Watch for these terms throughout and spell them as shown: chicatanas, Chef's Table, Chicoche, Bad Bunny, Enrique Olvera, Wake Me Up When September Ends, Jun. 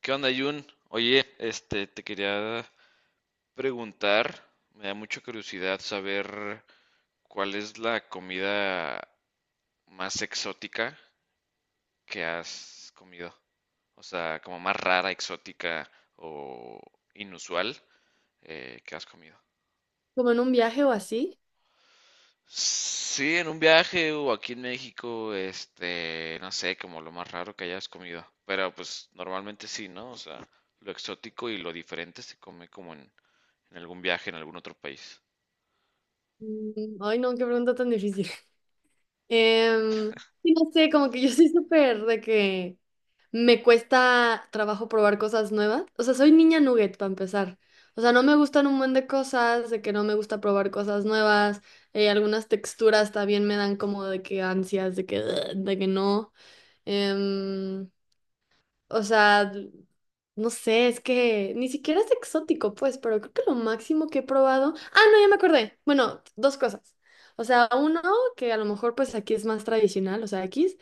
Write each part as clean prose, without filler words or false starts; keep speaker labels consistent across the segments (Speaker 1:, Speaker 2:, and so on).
Speaker 1: ¿Qué onda, Jun? Oye, te quería preguntar, me da mucha curiosidad saber cuál es la comida más exótica que has comido. O sea, como más rara, exótica o inusual que has comido.
Speaker 2: Como en un viaje o así.
Speaker 1: Sí, en un viaje o aquí en México, no sé, como lo más raro que hayas comido. Pero pues normalmente sí, ¿no? O sea, lo exótico y lo diferente se come como en algún viaje en algún otro país.
Speaker 2: Mm. Ay, no, qué pregunta tan difícil. Em, sí, no sé, como que yo soy súper de que me cuesta trabajo probar cosas nuevas. O sea, soy niña nugget para empezar. O sea, no me gustan un buen de cosas, de que no me gusta probar cosas nuevas. Algunas texturas también me dan como de que ansias, de que, "Ugh", de que no. Em, o sea, No sé, es que ni siquiera es exótico, pues, pero creo que lo máximo que he probado. Ah, no, ya me acordé. Bueno, dos cosas. O sea, uno, que a lo mejor pues aquí es más tradicional, o sea, aquí es,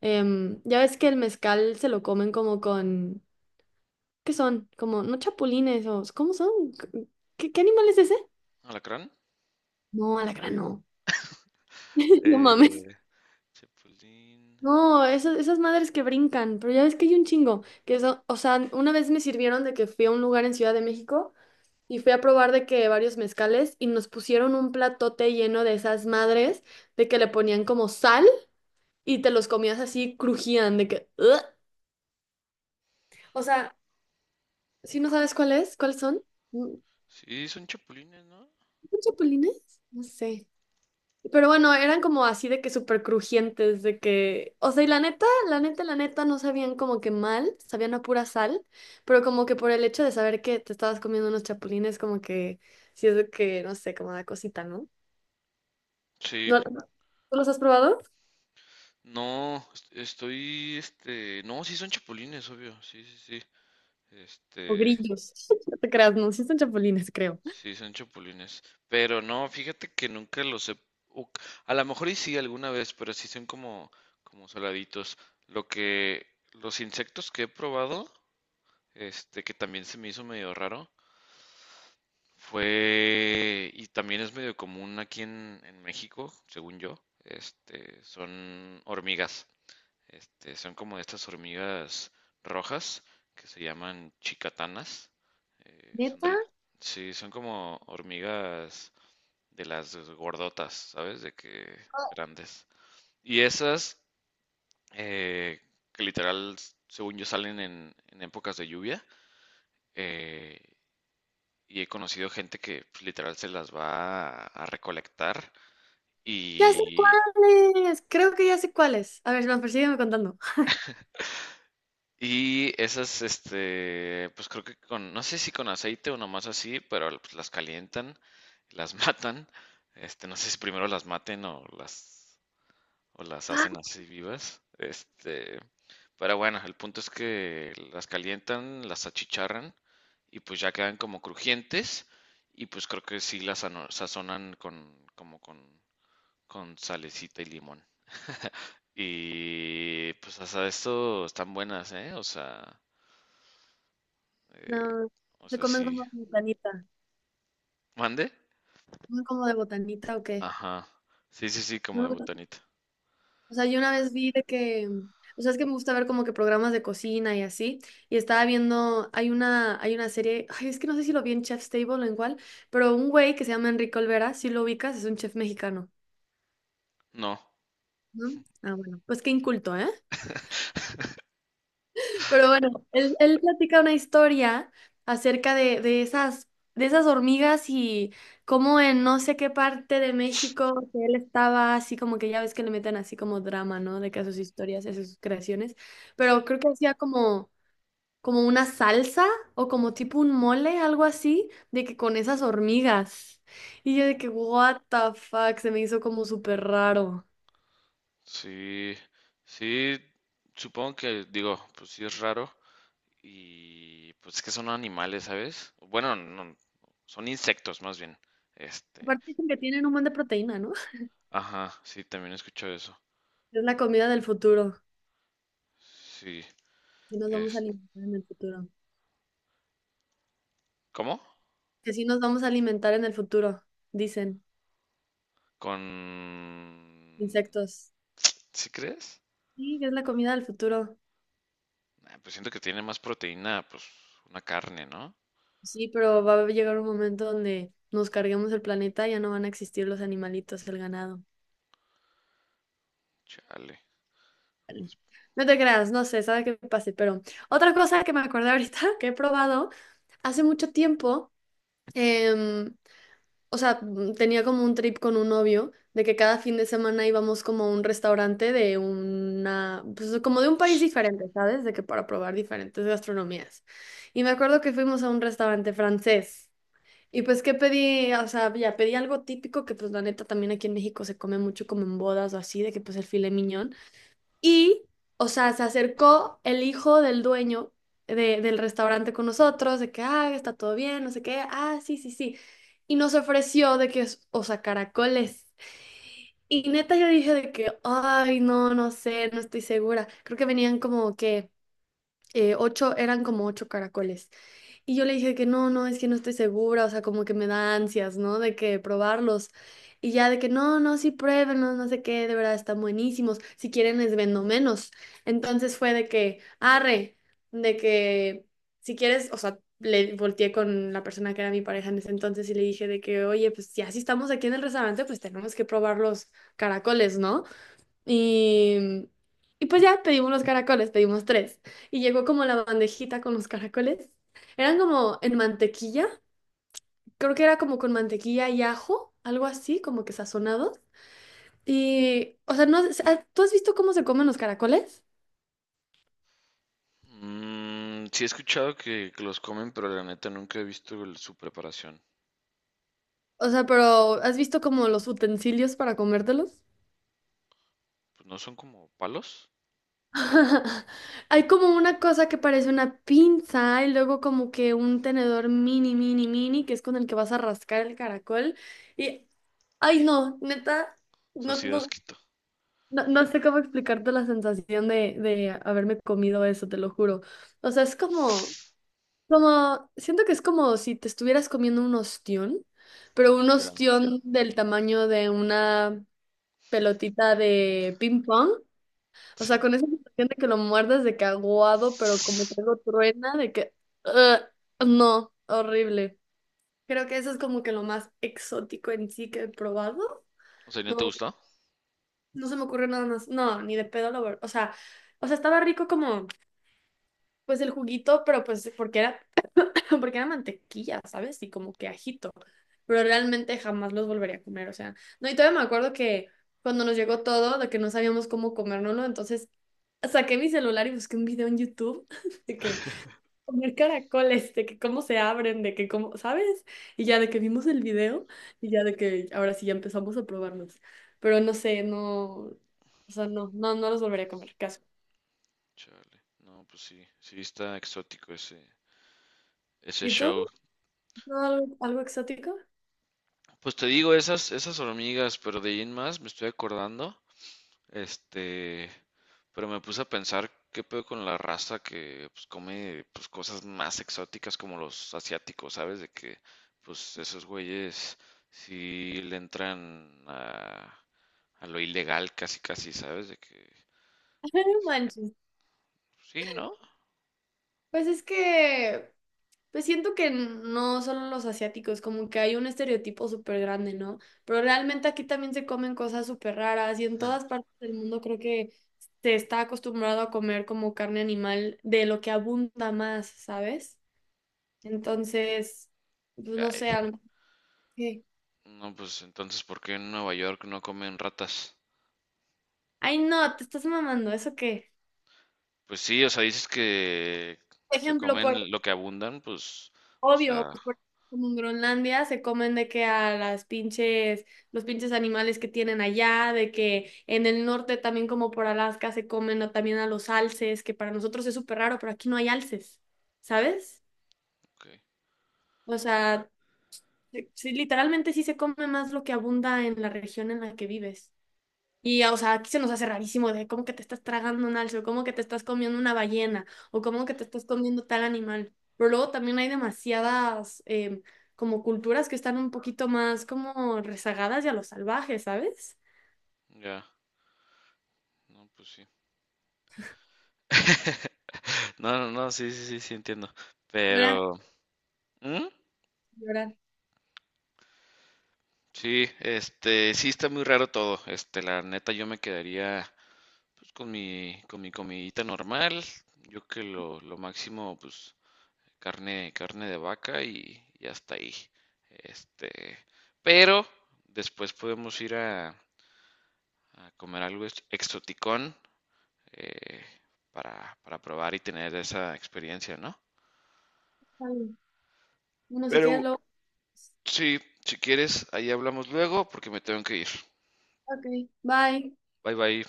Speaker 2: ya ves que el mezcal se lo comen como con, ¿qué son? Como, ¿no chapulines, o cómo son? ¿Qué animal es ese?
Speaker 1: Alacrán.
Speaker 2: No, alacrán, no. No
Speaker 1: Eh,
Speaker 2: mames.
Speaker 1: chapulín.
Speaker 2: No, esas, esas madres que brincan, pero ya ves que hay un chingo, que eso, o sea, una vez me sirvieron de que fui a un lugar en Ciudad de México, y fui a probar de que varios mezcales y nos pusieron un platote lleno de esas madres, de que le ponían como sal y te los comías así, crujían de que... "Ugh". O sea, si no sabes cuál es, ¿cuáles son? Mm.
Speaker 1: Sí, son chapulines, ¿no?
Speaker 2: ¿Son chapulines? No sé. Pero bueno, eran como así de que súper crujientes, de que... O sea, y la neta, la neta, la neta, no sabían como que mal, sabían a pura sal, pero como que por el hecho de saber que te estabas comiendo unos chapulines, como que... Si es de que, no sé, como da cosita, ¿no?
Speaker 1: Sí.
Speaker 2: ¿No? ¿Tú los has probado?
Speaker 1: No, estoy, no, sí son chapulines, obvio, sí,
Speaker 2: O
Speaker 1: este,
Speaker 2: grillos. No te creas, no, sí son chapulines, creo.
Speaker 1: sí son chapulines, pero no, fíjate que nunca los he, o- a lo mejor y sí alguna vez, pero sí son como, como saladitos, lo que, los insectos que he probado, que también se me hizo medio raro. Fue, y también es medio común aquí en México, según yo, son hormigas, son como estas hormigas rojas que se llaman chicatanas, eh, son
Speaker 2: ¿Neta?
Speaker 1: del, sí, son como hormigas de las gordotas, ¿sabes? De que grandes. Y esas, eh, que literal, según yo, salen en épocas de lluvia, eh, y he conocido gente que pues, literal se las va a recolectar
Speaker 2: Ya sé
Speaker 1: y,
Speaker 2: cuáles. Creo que ya sé cuáles. A ver, más persígueme contando.
Speaker 1: y esas, pues creo que con, no sé si con aceite o nomás así, pero pues, las calientan, las matan, no sé si primero las maten o las
Speaker 2: Ah,
Speaker 1: hacen así vivas, pero bueno, el punto es que las calientan, las achicharran y pues ya quedan como crujientes y pues creo que sí las sazonan con, como con salecita y limón. Y pues hasta esto están buenas, ¿eh? O sea,
Speaker 2: no,
Speaker 1: o
Speaker 2: se
Speaker 1: sea,
Speaker 2: comen
Speaker 1: sí.
Speaker 2: como de botanita.
Speaker 1: ¿Mande?
Speaker 2: ¿Comen como de botanita o qué?
Speaker 1: Ajá. Sí, sí, sí, como de
Speaker 2: No,
Speaker 1: botanita.
Speaker 2: o sea, yo una vez vi de que, o sea, es que me gusta ver como que programas de cocina y así, y estaba viendo, hay una serie, ay, es que no sé si lo vi en Chef's Table o en cuál, pero un güey que se llama Enrique Olvera, si lo ubicas, es un chef mexicano,
Speaker 1: No.
Speaker 2: ¿no? Ah, bueno, pues qué inculto, ¿eh? Pero bueno, él platica una historia acerca de esas hormigas y cómo en no sé qué parte de México que él estaba así como que ya ves que le meten así como drama, ¿no? De que a sus historias, a sus creaciones.
Speaker 1: Sí,
Speaker 2: Pero creo que hacía como, como una salsa o como tipo un mole, algo así, de que con esas hormigas. Y yo de que, what the fuck, se me hizo como súper raro.
Speaker 1: sí, sí, supongo que digo, pues sí es raro y pues es que son animales, ¿sabes? Bueno, no, son insectos más bien. Este,
Speaker 2: Aparte dicen que tienen un montón de proteína, ¿no?
Speaker 1: ajá, sí, también escucho eso.
Speaker 2: Es la comida del futuro.
Speaker 1: Sí,
Speaker 2: Y nos vamos a
Speaker 1: es,
Speaker 2: alimentar en el futuro,
Speaker 1: ¿cómo?
Speaker 2: que sí nos vamos a alimentar en el futuro, dicen,
Speaker 1: Con.
Speaker 2: insectos.
Speaker 1: ¿Sí crees?
Speaker 2: Sí, que es la comida del futuro.
Speaker 1: Ah, pues siento que tiene más proteína, pues una carne, ¿no?
Speaker 2: Sí, pero va a llegar un momento donde nos carguemos el planeta y ya no van a existir los animalitos, el ganado.
Speaker 1: Chale.
Speaker 2: Vale. No te creas, no sé, sabe qué pase, pero otra cosa que me acordé ahorita que he probado hace mucho tiempo. em, Tenía como un trip con un novio de que cada fin de semana íbamos como a un restaurante de una, pues como de un país diferente, ¿sabes? De que para probar diferentes gastronomías. Y me acuerdo que fuimos a un restaurante francés. Y pues, ¿qué pedí? O sea, ya pedí algo típico que pues la neta también aquí en México se come mucho como en bodas o así, de que pues el filet mignon. Y, o sea, se acercó el hijo del dueño del restaurante con nosotros, de que, ah, está todo bien, no sé qué, ah, sí, sí, sí. Y nos ofreció de que, o sea, caracoles. Y neta yo dije de que, ay, no, no sé, no estoy segura. Creo que venían como que ocho, eran como ocho caracoles. Y yo le dije que no, no, es que no estoy segura, o sea, como que me da ansias, ¿no? De que probarlos. Y ya de que no, no, sí pruébenlos, no sé qué, de verdad están buenísimos. Si quieren les vendo menos. Entonces fue de que, arre, de que si quieres, o sea, le volteé con la persona que era mi pareja en ese entonces y le dije de que, oye, pues ya si estamos aquí en el restaurante, pues tenemos que probar los caracoles, ¿no? Y, y pues ya pedimos los caracoles, pedimos tres. Y llegó como la bandejita con los caracoles. Eran como en mantequilla, creo que era como con mantequilla y ajo, algo así, como que sazonados. Y, o sea, no, ¿tú has visto cómo se comen los caracoles?
Speaker 1: Mm, sí he escuchado que los comen, pero la neta nunca he visto su preparación.
Speaker 2: O sea, pero ¿has visto como los utensilios para comértelos?
Speaker 1: Pues no son como palos.
Speaker 2: Hay como una cosa que parece una pinza y luego como que un tenedor mini, mini, mini, que es con el que vas a rascar el caracol. Y, ay no, neta,
Speaker 1: O sea,
Speaker 2: no,
Speaker 1: sí da
Speaker 2: no,
Speaker 1: asquito.
Speaker 2: no, no sé cómo explicarte la sensación de haberme comido eso, te lo juro. O sea, es como, como, siento que es como si te estuvieras comiendo un ostión, pero un
Speaker 1: Ya.
Speaker 2: ostión del tamaño de una pelotita de ping pong. O
Speaker 1: Sí.
Speaker 2: sea, con esa sensación de que lo muerdes de caguado, pero como que lo truena, de que... "Ugh, no, horrible. Creo que eso es como que lo más exótico en sí que he probado.
Speaker 1: O sea, ¿y no te
Speaker 2: No,
Speaker 1: gustó?
Speaker 2: no se me ocurre nada más. No, ni de pedo lo... o sea, estaba rico como, pues el juguito, pero pues porque era porque era mantequilla, ¿sabes? Y como que ajito. Pero realmente jamás los volvería a comer, o sea, no, y todavía me acuerdo que cuando nos llegó todo, de que no sabíamos cómo comérnoslo, entonces saqué mi celular y busqué un video en YouTube de que comer caracoles, de que cómo se abren, de que cómo, ¿sabes? Y ya de que vimos el video y ya de que ahora sí ya empezamos a probarnos. Pero no sé, no, o sea, no, no, no los volvería a comer, caso.
Speaker 1: Chale. No, pues sí, sí está exótico ese, ese
Speaker 2: ¿Y tú?
Speaker 1: show.
Speaker 2: ¿No, algo, algo exótico?
Speaker 1: Pues te digo, esas, esas hormigas, pero de ahí en más me estoy acordando. Este, pero me puse a pensar qué pedo con la raza que pues, come pues, cosas más exóticas como los asiáticos, ¿sabes? De que pues esos güeyes sí le entran a lo ilegal casi casi, ¿sabes? De que
Speaker 2: No
Speaker 1: es-
Speaker 2: manches.
Speaker 1: sí, ¿no?
Speaker 2: Pues es que pues siento que no solo los asiáticos, como que hay un estereotipo súper grande, ¿no? Pero realmente aquí también se comen cosas súper raras y en todas partes del mundo creo que se está acostumbrado a comer como carne animal de lo que abunda más, ¿sabes? Entonces, pues no sé,
Speaker 1: Ay,
Speaker 2: algo que...
Speaker 1: no, pues entonces ¿por qué en Nueva York no comen ratas?
Speaker 2: Ay, no, te estás mamando, ¿eso qué?
Speaker 1: Pues sí, o sea, dices que se
Speaker 2: Ejemplo, por
Speaker 1: comen lo que abundan, pues, o
Speaker 2: obvio,
Speaker 1: sea,
Speaker 2: pues como en Groenlandia se comen de que a las pinches, los pinches animales que tienen allá, de que en el norte también como por Alaska se comen también a los alces, que para nosotros es súper raro, pero aquí no hay alces, ¿sabes?
Speaker 1: ok,
Speaker 2: O sea, sí, sí, literalmente sí se come más lo que abunda en la región en la que vives. Y, o sea, aquí se nos hace rarísimo de cómo que te estás tragando un alce, o cómo que te estás comiendo una ballena, o cómo que te estás comiendo tal animal. Pero luego también hay demasiadas como culturas que están un poquito más como rezagadas y a lo salvaje, ¿sabes?
Speaker 1: ya, no, pues sí. No, no, no, sí, sí, sí, sí entiendo.
Speaker 2: Llorar,
Speaker 1: Pero, ¿mm?
Speaker 2: llorar.
Speaker 1: Sí, sí está muy raro todo. La neta, yo me quedaría pues, con mi comidita normal. Yo que lo máximo, pues, carne, carne de vaca y hasta ahí. Este, pero después podemos ir a comer algo exoticón eh, para probar y tener esa experiencia, ¿no?
Speaker 2: Está bien. Bueno, si quieres
Speaker 1: Pero
Speaker 2: luego.
Speaker 1: sí, si quieres, ahí hablamos luego porque me tengo que ir.
Speaker 2: Ok, bye.
Speaker 1: Bye bye.